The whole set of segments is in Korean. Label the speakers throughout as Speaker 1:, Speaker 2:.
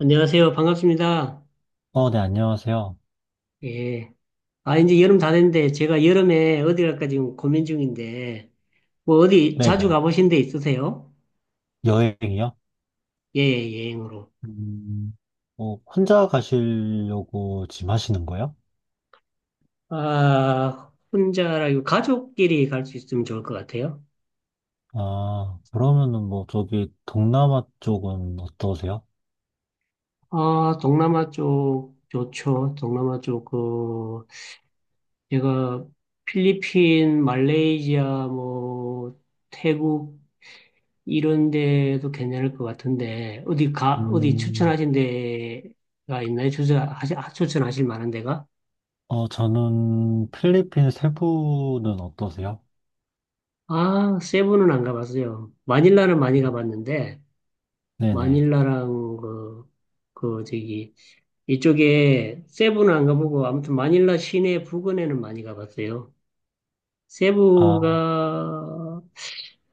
Speaker 1: 안녕하세요. 반갑습니다.
Speaker 2: 어, 네, 안녕하세요.
Speaker 1: 예. 아, 이제 여름 다 됐는데, 제가 여름에 어디 갈까 지금 고민 중인데, 뭐 어디 자주
Speaker 2: 네네.
Speaker 1: 가보신 데 있으세요?
Speaker 2: 여행이요?
Speaker 1: 예, 예, 여행으로.
Speaker 2: 음, 어, 혼자 가시려고 지금 하시는 거예요?
Speaker 1: 아, 혼자라고 가족끼리 갈 수 있으면 좋을 것 같아요.
Speaker 2: 아, 그러면은 뭐, 저기, 동남아 쪽은 어떠세요?
Speaker 1: 아, 동남아 쪽 좋죠. 동남아 쪽, 그, 제가 필리핀, 말레이시아, 뭐, 태국, 이런 데도 괜찮을 것 같은데, 어디
Speaker 2: 음,
Speaker 1: 추천하신 데가 있나요? 추천하실 만한 데가?
Speaker 2: 어, 저는 필리핀 세부는 어떠세요?
Speaker 1: 아, 세부는 안 가봤어요. 마닐라는 많이 가봤는데,
Speaker 2: 네네.
Speaker 1: 마닐라랑 그, 그, 저기, 이쪽에 세부는 안 가보고, 아무튼 마닐라 시내 부근에는 많이 가봤어요.
Speaker 2: 아,
Speaker 1: 세부가,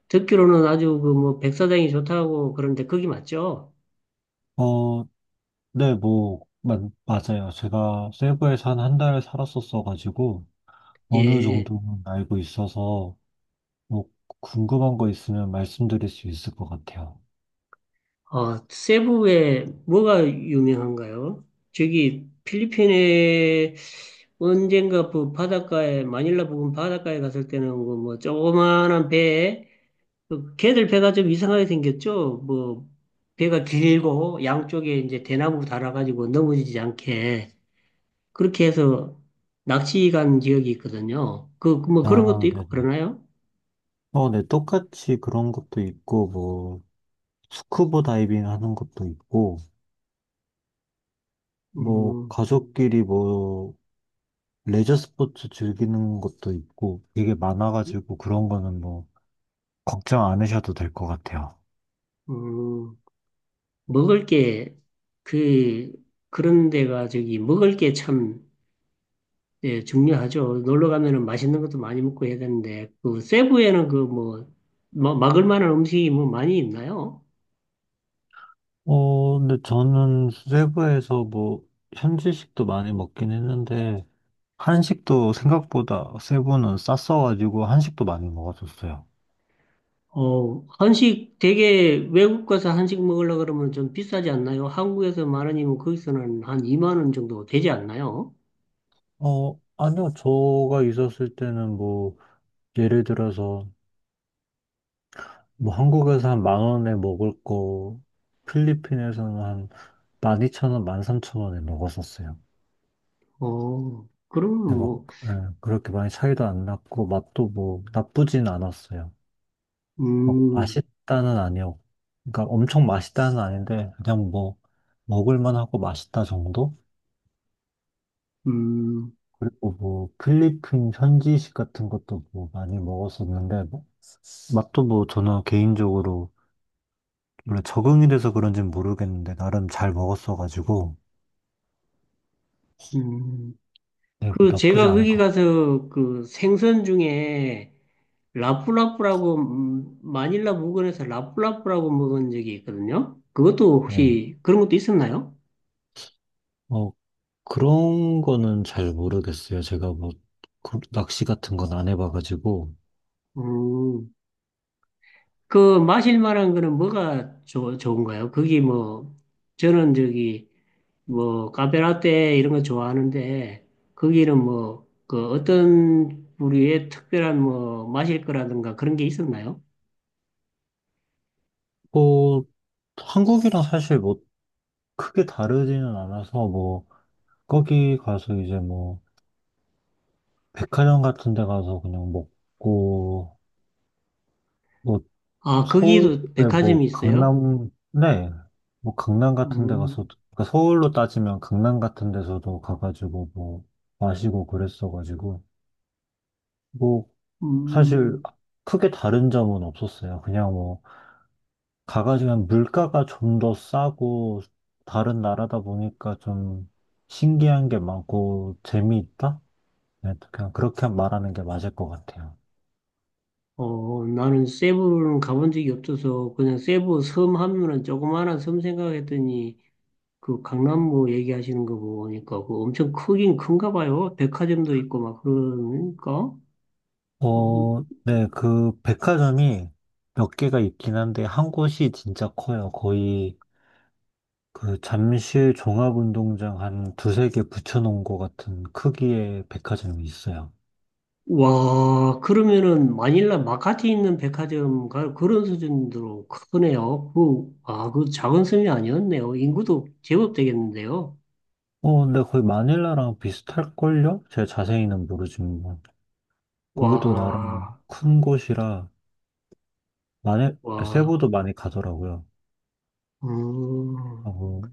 Speaker 1: 듣기로는 아주 그 뭐 백사장이 좋다고 그러는데, 거기 맞죠?
Speaker 2: 어, 네, 뭐, 마, 맞아요. 제가 세부에서 한 한 달 살았었어가지고, 어느
Speaker 1: 예.
Speaker 2: 정도는 알고 있어서, 뭐, 궁금한 거 있으면 말씀드릴 수 있을 것 같아요.
Speaker 1: 아, 세부에 뭐가 유명한가요? 저기 필리핀에 언젠가 그 바닷가에 마닐라 부근 바닷가에 갔을 때는 그뭐 조그만한 배에 그 걔들 배가 좀 이상하게 생겼죠. 뭐 배가 길고 양쪽에 이제 대나무 달아가지고 넘어지지 않게 그렇게 해서 낚시 간 지역이 있거든요. 그 뭐 그런 것도
Speaker 2: 아,
Speaker 1: 있고
Speaker 2: 네네.
Speaker 1: 그러나요?
Speaker 2: 어, 네, 똑같이 그런 것도 있고, 뭐, 스쿠버 다이빙 하는 것도 있고, 뭐,
Speaker 1: 음,
Speaker 2: 가족끼리 뭐, 레저 스포츠 즐기는 것도 있고, 되게 많아가지고 그런 거는 뭐, 걱정 안 하셔도 될 것 같아요.
Speaker 1: 음. 먹을 게, 그, 그런 데가 저기, 먹을 게 참, 예, 중요하죠. 놀러 가면은 맛있는 것도 많이 먹고 해야 되는데, 그, 세부에는 그 뭐, 막을 만한 음식이 뭐 많이 있나요?
Speaker 2: 어, 근데 저는 세부에서 뭐, 현지식도 많이 먹긴 했는데, 한식도 생각보다 세부는 쌌어가지고, 한식도 많이 먹었었어요.
Speaker 1: 어, 한식 되게 외국 가서 한식 먹으려 그러면 좀 비싸지 않나요? 한국에서 만 원이면 거기서는 한 2만 원 정도 되지 않나요?
Speaker 2: 어, 아니요, 저가 있었을 때는 뭐, 예를 들어서, 뭐 한국에서 한 만 원에 먹을 거 필리핀에서는 한 12,000원, 만 삼천 원에 먹었었어요.
Speaker 1: 어, 그러면
Speaker 2: 근데 막
Speaker 1: 뭐,
Speaker 2: 예, 그렇게 많이 차이도 안 났고 맛도 뭐 나쁘진 않았어요. 막
Speaker 1: 음,
Speaker 2: 맛있다는 아니었고, 그러니까 엄청 맛있다는 아닌데 그냥 뭐 먹을만 하고 맛있다 정도?
Speaker 1: 음,
Speaker 2: 그리고 뭐 필리핀 현지식 같은 것도 뭐 많이 먹었었는데 뭐 맛도 뭐 저는 개인적으로 원래 적응이 돼서 그런지는 모르겠는데 나름 잘 먹었어가지고.
Speaker 1: 음.
Speaker 2: 네, 뭐
Speaker 1: 그
Speaker 2: 나쁘지
Speaker 1: 제가
Speaker 2: 않을
Speaker 1: 거기
Speaker 2: 것 같고.
Speaker 1: 가서 그 생선 중에 라프라프라고 마닐라 물건에서 라프라프라고 먹은 적이 있거든요. 그것도
Speaker 2: 네.
Speaker 1: 혹시 그런 것도 있었나요?
Speaker 2: 어, 그런 거는 잘 모르겠어요. 제가 뭐, 그 낚시 같은 건 안 해봐가지고.
Speaker 1: 음, 그 마실 만한 거는 뭐가 좋은가요? 거기 뭐 저는 저기 뭐 카페라떼 이런 거 좋아하는데 거기는 뭐 그 어떤 부류의 특별한 뭐 마실 거라든가 그런 게 있었나요?
Speaker 2: 뭐, 한국이랑 사실 뭐, 크게 다르지는 않아서 뭐, 거기 가서 이제 뭐, 백화점 같은 데 가서 그냥 먹고, 뭐,
Speaker 1: 아,
Speaker 2: 서울에
Speaker 1: 거기도
Speaker 2: 뭐,
Speaker 1: 백화점이 있어요?
Speaker 2: 강남, 네. 뭐, 강남 같은 데 가서,
Speaker 1: 음,
Speaker 2: 그러니까 서울로 따지면 강남 같은 데서도 가가지고 뭐, 마시고 그랬어가지고. 뭐 사실
Speaker 1: 음.
Speaker 2: 크게 다른 점은 없었어요. 그냥 뭐 가가지고 그냥 물가가 좀 더 싸고 다른 나라다 보니까 좀 신기한 게 많고 재미있다? 네, 그냥 그렇게 말하는 게 맞을 것 같아요.
Speaker 1: 어, 나는 세부는 가본 적이 없어서 그냥 세부 섬 하면은 조그마한 섬 생각했더니 그 강남구 얘기하시는 거 보니까 그 엄청 크긴 큰가 봐요. 백화점도 있고 막 그러니까. 어,
Speaker 2: 어, 네, 그 백화점이 몇 개가 있긴 한데 한 곳이 진짜 커요. 거의 그 잠실 종합운동장 한 두세 개 붙여놓은 것 같은 크기의 백화점이 있어요.
Speaker 1: 와, 그러면은 마닐라 마카티 있는 그런 수준으로 크네요. 그, 아, 그 작은 섬이 아니었네요. 인구도 제법 되겠는데요.
Speaker 2: 어, 근데 거의 마닐라랑 비슷할걸요? 제가 자세히는 모르지만. 거기도 나름
Speaker 1: 와,
Speaker 2: 큰 곳이라, 마닐,
Speaker 1: 와,
Speaker 2: 세부도 많이 가더라고요.
Speaker 1: 음,
Speaker 2: 하고,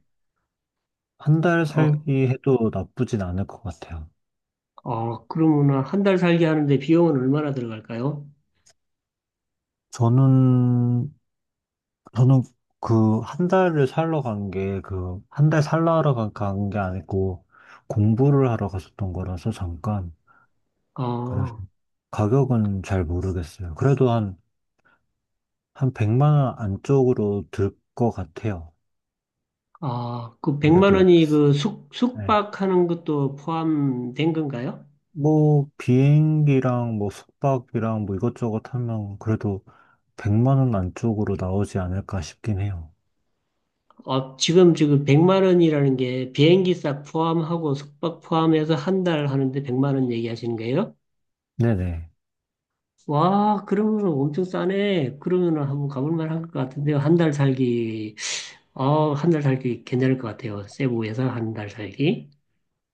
Speaker 2: 한 달
Speaker 1: 아,
Speaker 2: 살기 해도 나쁘진 않을 것 같아요.
Speaker 1: 어, 그러면 한 달 살게 하는데 비용은 얼마나 들어갈까요?
Speaker 2: 저는, 저는 그 한 달을 살러 간 게, 그, 한 달 살러 하러 간게 아니고, 공부를 하러 갔었던 거라서 잠깐. 그래서
Speaker 1: 어,
Speaker 2: 가격은 잘 모르겠어요. 그래도 한 100만 원 안쪽으로 들 것 같아요.
Speaker 1: 아, 그 100만
Speaker 2: 그래도
Speaker 1: 원이 그
Speaker 2: 네.
Speaker 1: 숙박하는 것도 포함된 건가요?
Speaker 2: 뭐, 비행기랑 뭐 숙박이랑 뭐 이것저것 하면 그래도 100만 원 안쪽으로 나오지 않을까 싶긴 해요.
Speaker 1: 어, 지금 100만 원이라는 게 비행기 싹 포함하고 숙박 포함해서 한 달 하는데 100만 원 얘기하시는 거예요?
Speaker 2: 네네.
Speaker 1: 와, 그러면 엄청 싸네. 그러면 한번 가볼 만할 것 같은데요. 한 달 살기, 어, 한 달 살기 괜찮을 것 같아요. 세부 예상 한 달 살기.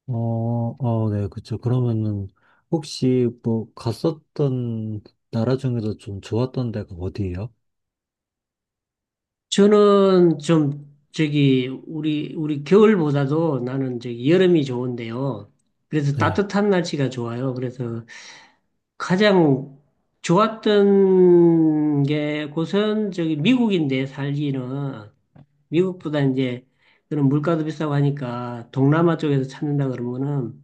Speaker 2: 어, 어, 네, 그쵸. 그러면은 혹시 뭐 갔었던 나라 중에서 좀 좋았던 데가 어디예요?
Speaker 1: 저는 좀 저기 우리 겨울보다도 나는 저기 여름이 좋은데요. 그래서
Speaker 2: 네,
Speaker 1: 따뜻한 날씨가 좋아요. 그래서 가장 좋았던 게 곳은 저기 미국인데 살기는 미국보다 이제 그런 물가도 비싸고 하니까 동남아 쪽에서 찾는다 그러면은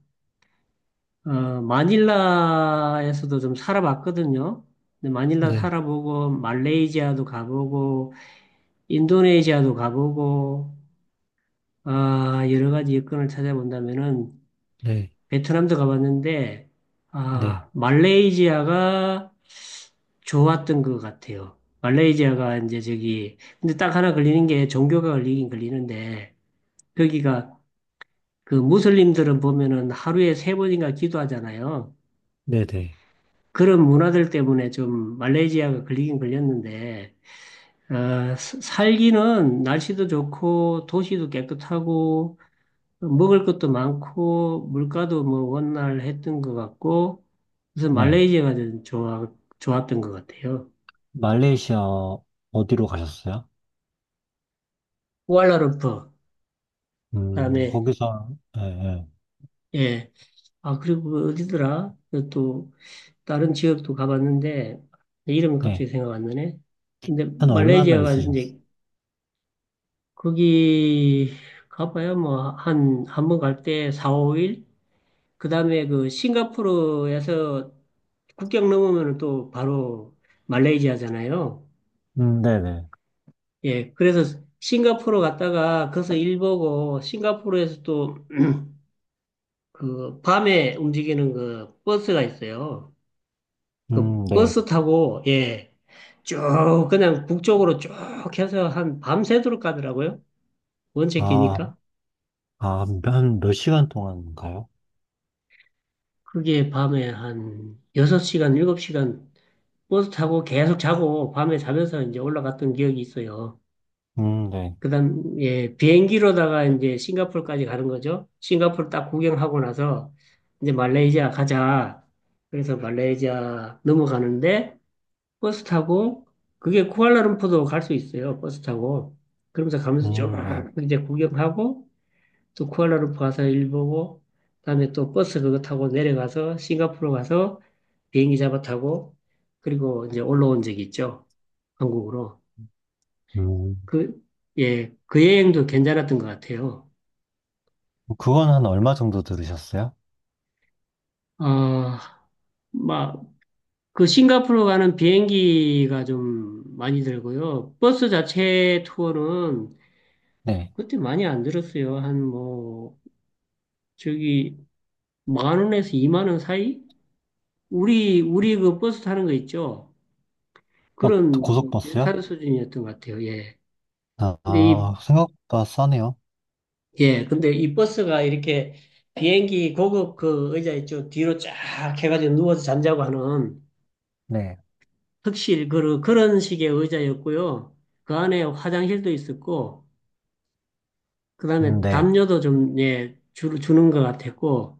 Speaker 1: 어 마닐라에서도 좀 살아봤거든요. 근데 마닐라
Speaker 2: 네,
Speaker 1: 살아보고 말레이시아도 가보고 인도네시아도 가보고 아, 여러 가지 여건을 찾아본다면은
Speaker 2: 네,
Speaker 1: 베트남도 가봤는데
Speaker 2: 네,
Speaker 1: 아, 말레이시아가 좋았던 것 같아요. 말레이시아가 이제 저기 근데 딱 하나 걸리는 게 종교가 걸리긴 걸리는데 거기가 그 무슬림들은 보면은 하루에 세 번인가 기도하잖아요.
Speaker 2: 네, 네.
Speaker 1: 그런 문화들 때문에 좀 말레이시아가 걸리긴 걸렸는데 살기는 날씨도 좋고 도시도 깨끗하고 먹을 것도 많고 물가도 뭐 원활 했던 것 같고 그래서
Speaker 2: 네.
Speaker 1: 말레이시아가 좋았던 것 같아요.
Speaker 2: 말레이시아 어디로 가셨어요?
Speaker 1: 쿠알라룸푸 그다음에
Speaker 2: 거기서, 예, 예,
Speaker 1: 예. 아 그리고 그 어디더라? 그또 다른 지역도 가봤는데 이름은 갑자기
Speaker 2: 네.
Speaker 1: 생각 안 나네. 근데
Speaker 2: 한 얼마나
Speaker 1: 말레이시아가
Speaker 2: 있으셨어요?
Speaker 1: 이제 거기 가봐야 뭐 한 한번 갈 때 4, 5일 그다음에 그 싱가포르에서 국경 넘으면 또 바로 말레이시아잖아요.
Speaker 2: 네네.
Speaker 1: 예, 그래서 싱가포르 갔다가 거기서 일 보고 싱가포르에서 또 그 밤에 움직이는 그 버스가 있어요. 그
Speaker 2: 네.
Speaker 1: 버스 타고 예, 쭉 그냥 북쪽으로 쭉 해서 한 밤새도록 가더라고요. 원체
Speaker 2: 아,
Speaker 1: 기니까.
Speaker 2: 아, 한 몇 시간 동안인가요?
Speaker 1: 그게 밤에 한 6시간, 7시간 버스 타고 계속 자고 밤에 자면서 이제 올라갔던 기억이 있어요.
Speaker 2: 네.
Speaker 1: 그다음 예 비행기로다가 이제 싱가포르까지 가는 거죠. 싱가포르 딱 구경하고 나서 이제 말레이시아 가자. 그래서 말레이시아 넘어가는데 버스 타고 그게 쿠알라룸푸르도 갈 수 있어요. 버스 타고 그러면서 가면서 쭉
Speaker 2: 네.
Speaker 1: 이제 구경하고 또 쿠알라룸푸르 가서 일 보고 그다음에 또 버스 그거 타고 내려가서 싱가포르 가서 비행기 잡아 타고 그리고 이제 올라온 적이 있죠. 한국으로
Speaker 2: 음,
Speaker 1: 그 예, 그 여행도 괜찮았던 것 같아요.
Speaker 2: 그건 한 얼마 정도 들으셨어요?
Speaker 1: 어, 막, 그 싱가포르 가는 비행기가 좀 많이 들고요. 버스 자체 투어는
Speaker 2: 네.
Speaker 1: 그때 많이 안 들었어요. 한 뭐, 저기, 10,000원에서 20,000원 사이? 우리 그 버스 타는 거 있죠?
Speaker 2: 어,
Speaker 1: 그런 뭐
Speaker 2: 고속버스요?
Speaker 1: 비슷한 수준이었던 것 같아요. 예.
Speaker 2: 아,
Speaker 1: 근데 이,
Speaker 2: 아, 생각보다 싸네요.
Speaker 1: 예. 근데 이 버스가 이렇게 비행기 고급 그 의자 있죠? 뒤로 쫙 해가지고 누워서 잠자고 하는
Speaker 2: 네.
Speaker 1: 턱실 그런 식의 의자였고요. 그 안에 화장실도 있었고 그다음에
Speaker 2: 네.
Speaker 1: 담요도 좀 예, 주는 것 같았고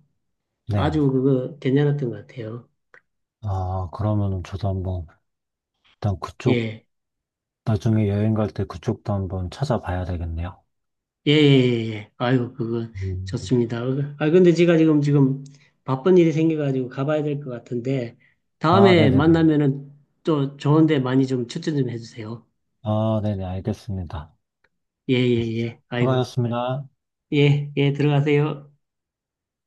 Speaker 2: 네.
Speaker 1: 아주 그거 괜찮았던 것 같아요.
Speaker 2: 아, 그러면은 저도 한번, 일단 그쪽,
Speaker 1: 예.
Speaker 2: 나중에 여행 갈 때 그쪽도 한번 찾아봐야 되겠네요.
Speaker 1: 예, 예, 예, 예. 예. 아이고 그거
Speaker 2: 음.
Speaker 1: 좋습니다. 어, 아 근데 제가 지금 바쁜 일이 생겨가지고 가봐야 될 것 같은데
Speaker 2: 아,
Speaker 1: 다음에
Speaker 2: 네네네.
Speaker 1: 만나면은 또 좋은 데 많이 좀 추천 좀 해주세요.
Speaker 2: 아, 네네, 알겠습니다.
Speaker 1: 예,
Speaker 2: 네.
Speaker 1: 예, 예. 아이고.
Speaker 2: 수고하셨습니다.
Speaker 1: 예, 예, 들어가세요.